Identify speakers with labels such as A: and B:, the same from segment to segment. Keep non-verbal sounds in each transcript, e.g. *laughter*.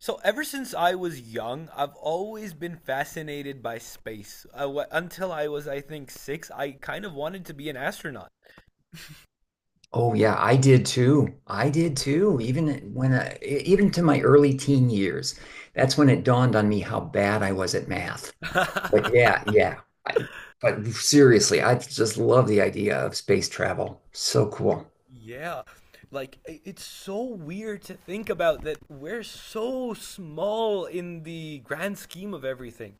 A: So ever since I was young, I've always been fascinated by space. I w Until I was, I think, six, I kind of wanted to be an astronaut.
B: Oh yeah, I did too. I did too. Even when even to my early teen years, that's when it dawned on me how bad I was at math. But
A: *laughs*
B: yeah, yeah. I, but seriously, I just love the idea of space travel. So cool.
A: Yeah, like it's so weird to think about that we're so small in the grand scheme of everything.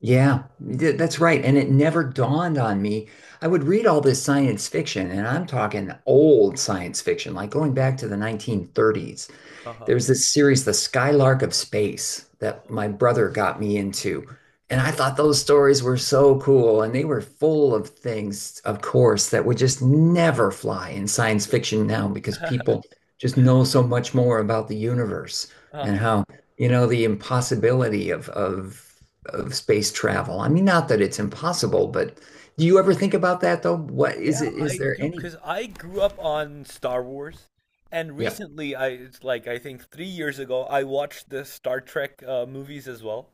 B: Yeah, that's right. And it never dawned on me. I would read all this science fiction, and I'm talking old science fiction, like going back to the 1930s.
A: Uh-huh.
B: There's this series, The Skylark of Space, that my brother got me into. And I thought those stories were so cool. And they were full of things, of course, that would just never fly in science fiction now because
A: *laughs*
B: people just know so much more about the universe and
A: Uh-huh.
B: how, you know, the impossibility of space travel. I mean, not that it's impossible, but do you ever think about that though? What is
A: Yeah,
B: it? Is
A: I
B: there
A: do,
B: any?
A: 'cause I grew up on Star Wars, and
B: Yeah.
A: recently, I it's like I think 3 years ago, I watched the Star Trek movies as well.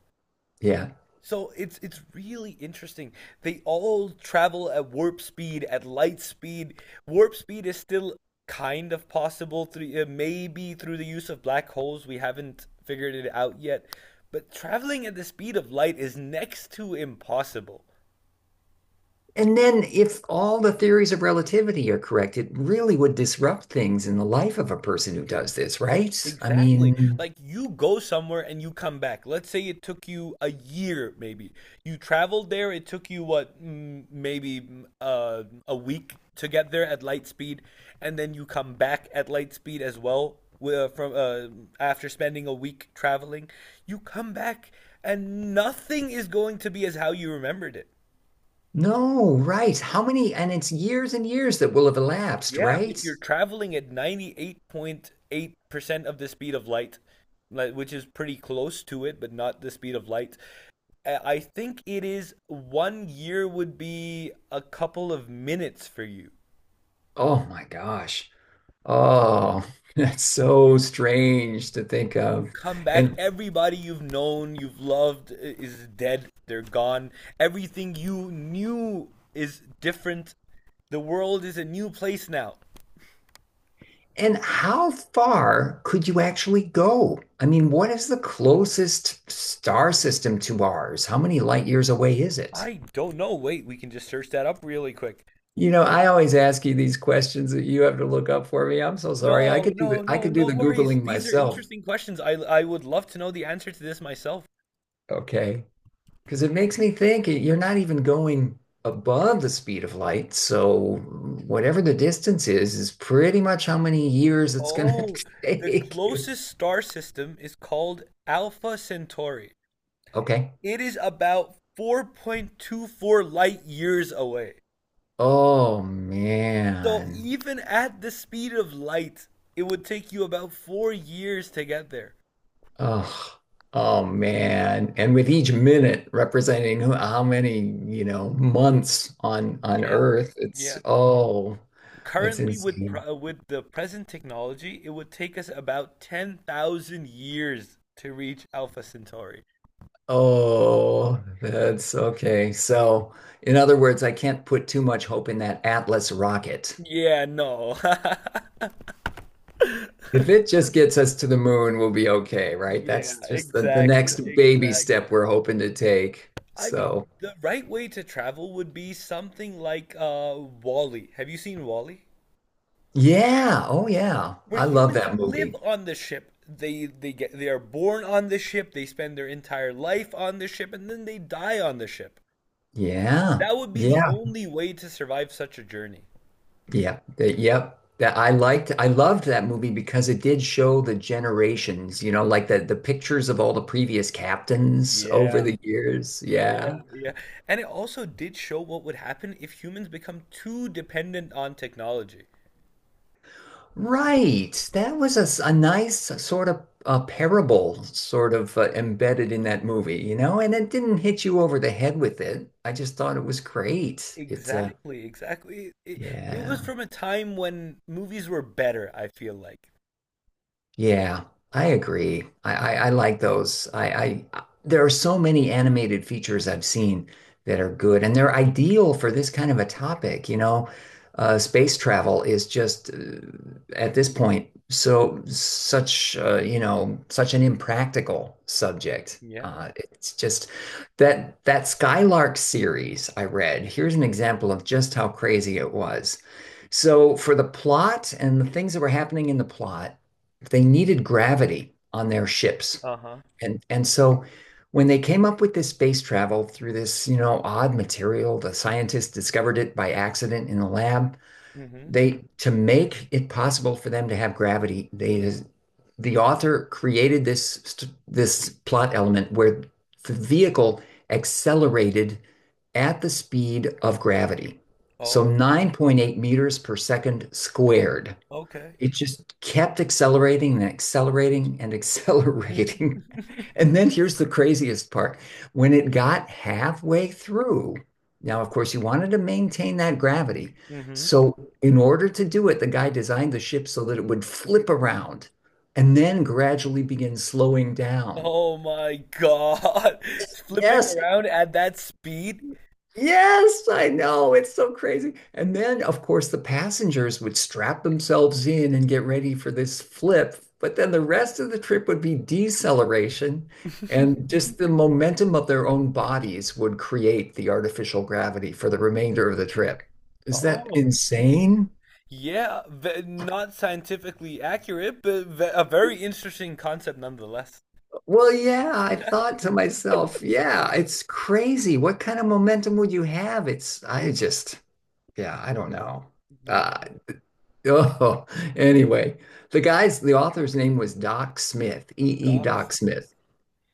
B: Yeah.
A: So it's really interesting. They all travel at warp speed, at light speed. Warp speed is still kind of possible through maybe through the use of black holes. We haven't figured it out yet, but traveling at the speed of light is next to impossible.
B: And then, if all the theories of relativity are correct, it really would disrupt things in the life of a person who does this, right? I
A: Exactly.
B: mean,
A: Like you go somewhere and you come back. Let's say it took you a year, maybe. You traveled there. It took you what, maybe a week to get there at light speed, and then you come back at light speed as well. From after spending a week traveling, you come back and nothing is going to be as how you remembered it.
B: no, right. How many, and it's years and years that will have elapsed,
A: Yeah,
B: right?
A: if you're traveling at 98.8% of the speed of light, which is pretty close to it, but not the speed of light, I think it is one year would be a couple of minutes for you.
B: Oh my gosh. Oh, *laughs* that's so strange to think
A: You
B: of.
A: come back,
B: And
A: everybody you've known, you've loved is dead, they're gone. Everything you knew is different. The world is a new place now.
B: and how far could you actually go? I mean, what is the closest star system to ours? How many light years away is it?
A: I don't know. Wait, we can just search that up really quick.
B: You know, I always ask you these questions that you have to look up for me. I'm so sorry. I
A: No,
B: could do
A: no,
B: the I
A: no,
B: could do
A: no
B: the
A: worries.
B: Googling
A: These are
B: myself,
A: interesting questions. I would love to know the answer to this myself.
B: okay? Because it makes me think you're not even going above the speed of light. So whatever the distance is pretty much how many years it's gonna
A: Oh,
B: *laughs*
A: the
B: take you.
A: closest star system is called Alpha Centauri.
B: Okay.
A: It is about 4.24 light years away.
B: Oh
A: So
B: man.
A: even at the speed of light, it would take you about 4 years to get there.
B: Oh, oh man. And with each minute representing how many, you know, months on
A: Yeah,
B: Earth, it's
A: yeah.
B: oh, that's
A: Currently,
B: insane.
A: with the present technology, it would take us about 10,000 years to reach Alpha Centauri.
B: Oh, that's okay. So, in other words, I can't put too much hope in that Atlas rocket.
A: Yeah, no. *laughs*
B: If it just gets us to the moon, we'll be okay, right?
A: Yeah,
B: That's just the
A: exactly,
B: next baby
A: exactly.
B: step we're hoping to take.
A: I mean,
B: So,
A: the right way to travel would be something like Wall-E. Have you seen Wall-E?
B: yeah. Oh, yeah.
A: Where
B: I love
A: humans
B: that
A: live
B: movie.
A: on the ship. They are born on the ship, they spend their entire life on the ship, and then they die on the ship.
B: Yeah.
A: That would be the
B: Yeah.
A: only way to survive such a journey.
B: Yeah, the, yep. I loved that movie because it did show the generations, you know, like the pictures of all the previous captains over
A: Yeah,
B: the years.
A: yeah,
B: Yeah.
A: yeah. And it also did show what would happen if humans become too dependent on technology.
B: Right. That was a nice sort of a parable sort of embedded in that movie, you know, and it didn't hit you over the head with it. I just thought it was great. It's
A: Exactly, exactly. It was
B: yeah.
A: from a time when movies were better, I feel like.
B: Yeah, I agree. I like those. I there are so many animated features I've seen that are good, and they're ideal for this kind of a topic. You know, space travel is just at this point so such you know such an impractical subject.
A: Yeah.
B: It's just that that Skylark series I read. Here's an example of just how crazy it was. So for the plot and the things that were happening in the plot they needed gravity on their ships.
A: Uh-huh.
B: And so when they came up with this space travel through this, you know, odd material, the scientists discovered it by accident in the lab.
A: Mm-hmm.
B: They to make it possible for them to have gravity, they the author created this plot element where the vehicle accelerated at the speed of gravity. So
A: Oh,
B: 9.8 meters per second squared
A: okay.
B: it just kept accelerating and accelerating and accelerating. *laughs*
A: *laughs*
B: And then here's the craziest part. When it got halfway through, now, of course, you wanted to maintain that gravity.
A: Mm-hmm.
B: So, in order to do it, the guy designed the ship so that it would flip around and then gradually begin slowing down.
A: Oh my God. *laughs* Flipping
B: Yes,
A: around at that speed?
B: Yes, I know. It's so crazy. And then, of course, the passengers would strap themselves in and get ready for this flip. But then the rest of the trip would be deceleration, and just the momentum of their own bodies would create the artificial gravity for the remainder of the trip. Is that
A: Oh.
B: insane?
A: Yeah, not scientifically accurate, but ve a very interesting concept nonetheless.
B: Well, yeah, I thought to myself, yeah, it's crazy. What kind of momentum would you have? I just, yeah, I don't know. Uh, *laughs*
A: Yeah.
B: Oh, anyway, the author's name was Doc Smith, E.E. Doc
A: Docs, man.
B: Smith.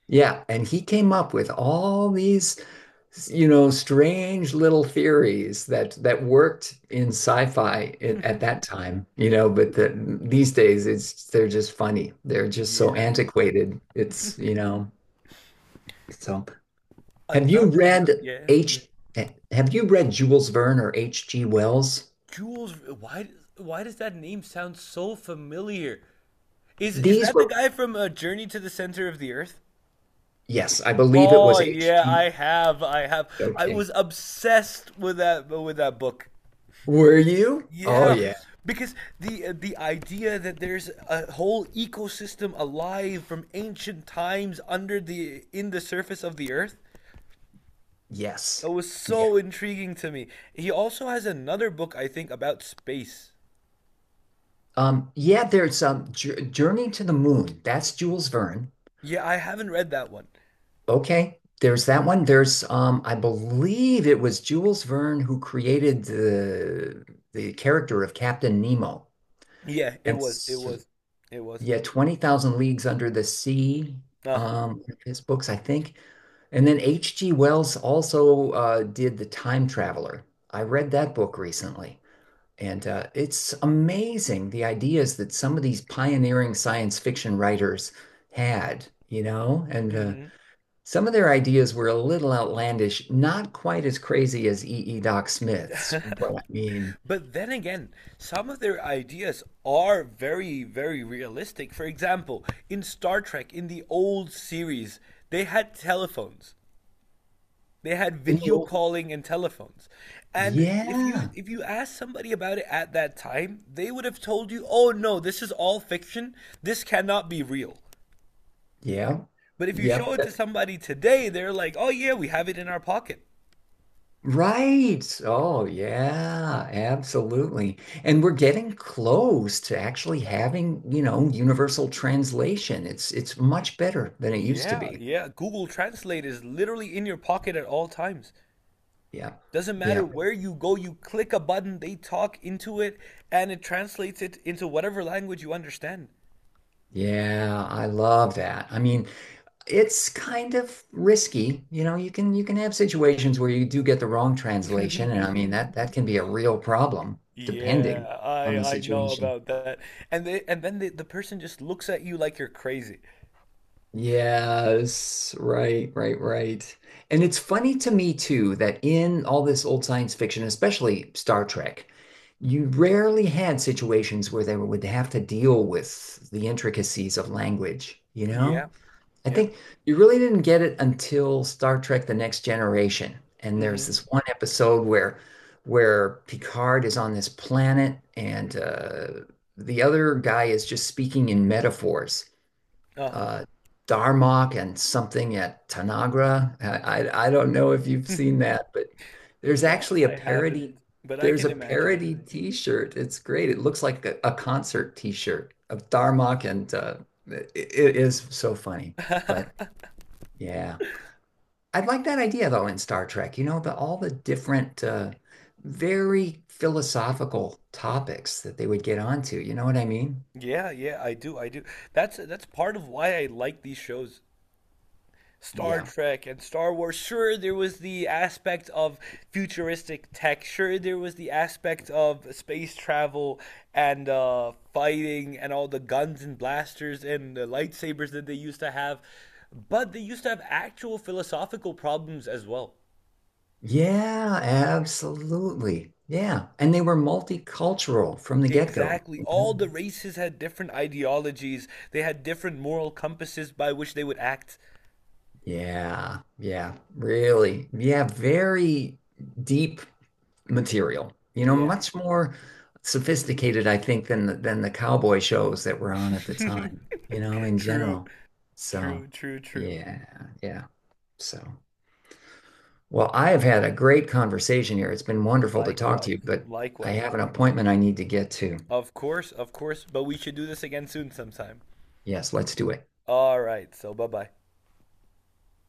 B: Yeah, and he came up with all these, you know, strange little theories that worked in sci-fi in, at that time, you know, but these days it's they're just funny. They're just so
A: Yeah.
B: antiquated. It's, you know, so have you
A: Another,
B: read
A: yeah.
B: H have you read Jules Verne or H.G. Wells?
A: Jules, why why does that name sound so familiar? Is
B: These
A: that the
B: were,
A: guy from Journey to the Center of the Earth?
B: yes, I believe it
A: Oh
B: was
A: yeah,
B: H.G.
A: I have, I have. I
B: Okay.
A: was obsessed with that book.
B: Were you? Oh
A: Yeah,
B: yeah.
A: because the idea that there's a whole ecosystem alive from ancient times under the in the surface of the Earth,
B: Yes.
A: that was
B: Yeah.
A: so intriguing to me. He also has another book, I think, about space.
B: Yeah, there's Journey to the Moon. That's Jules Verne.
A: Yeah, I haven't read that one.
B: Okay. There's that one. There's I believe it was Jules Verne who created the character of Captain Nemo.
A: Yeah, it
B: And
A: was. It
B: s-
A: was. It was.
B: yeah, 20,000 Leagues Under the Sea,
A: Uh-huh.
B: one of his books, I think. And then H.G. Wells also did The Time Traveler. I read that book recently. And it's amazing the ideas that some of these pioneering science fiction writers had, you know? And
A: hmm
B: some of their ideas were a little outlandish, not quite as crazy as E. E. Doc Smith's, but I mean,
A: But then again, some of their ideas are very, very realistic. For example, in Star Trek, in the old series, they had telephones. They had
B: in the
A: video
B: old,
A: calling and telephones. And if you
B: yeah,
A: if you asked somebody about it at that time, they would have told you, "Oh no, this is all fiction. This cannot be real."
B: yeah,
A: But if you show
B: yep,
A: it to
B: that-
A: somebody today, they're like, "Oh yeah, we have it in our pocket."
B: right. Oh, yeah, absolutely. And we're getting close to actually having, you know, universal translation. It's much better than it used to
A: Yeah,
B: be.
A: yeah. Google Translate is literally in your pocket at all times.
B: Yeah.
A: Doesn't matter
B: Yeah.
A: where you go, you click a button, they talk into it, and it translates it into whatever language you understand.
B: Yeah, I love that. I mean, it's kind of risky. You know, you can have situations where you do get the wrong translation, and I mean that can be a real problem depending
A: Yeah,
B: on the
A: I know
B: situation.
A: about that. And then the person just looks at you like you're crazy.
B: Yes, right, right, right. And it's funny to me too that in all this old science fiction, especially Star Trek, you rarely had situations where they would have to deal with the intricacies of language, you
A: Yeah,
B: know? I
A: yeah.
B: think you really didn't get it until Star Trek: The Next Generation. And
A: Mm-hmm.
B: there's this one episode where Picard is on this planet and the other guy is just speaking in metaphors.
A: Uh-huh.
B: Uh, Darmok and something at Tanagra. I don't know if you've seen
A: *laughs*
B: that, but there's
A: No,
B: actually a
A: I haven't,
B: parody.
A: but I
B: There's
A: can
B: a
A: imagine it.
B: parody T-shirt. It's great. It looks like a concert T-shirt of Darmok and it is so funny. But yeah. I would like that idea though in Star Trek, you know, the all the different very philosophical topics that they would get onto, you know what I mean?
A: Yeah, yeah, I do, I do. That's part of why I like these shows. Star
B: Yeah.
A: Trek and Star Wars. Sure, there was the aspect of futuristic tech. Sure, there was the aspect of space travel and fighting and all the guns and blasters and the lightsabers that they used to have. But they used to have actual philosophical problems as well.
B: Yeah, absolutely. Yeah. And they were multicultural from the get-go.
A: Exactly.
B: You
A: All the races had different ideologies, they had different moral compasses by which they would act.
B: Yeah. Yeah. Really. Yeah, very deep material. You know,
A: Yeah.
B: much more sophisticated, I think, than than the cowboy shows that were on at the
A: *laughs*
B: time, you know, in
A: True,
B: general. So,
A: true, true, true.
B: yeah, yeah. So, well, I have had a great conversation here. It's been wonderful to talk to you,
A: Likewise,
B: but I
A: likewise.
B: have an appointment I need to get to.
A: Of course, but we should do this again soon sometime.
B: Yes, let's do it.
A: All right, so bye bye.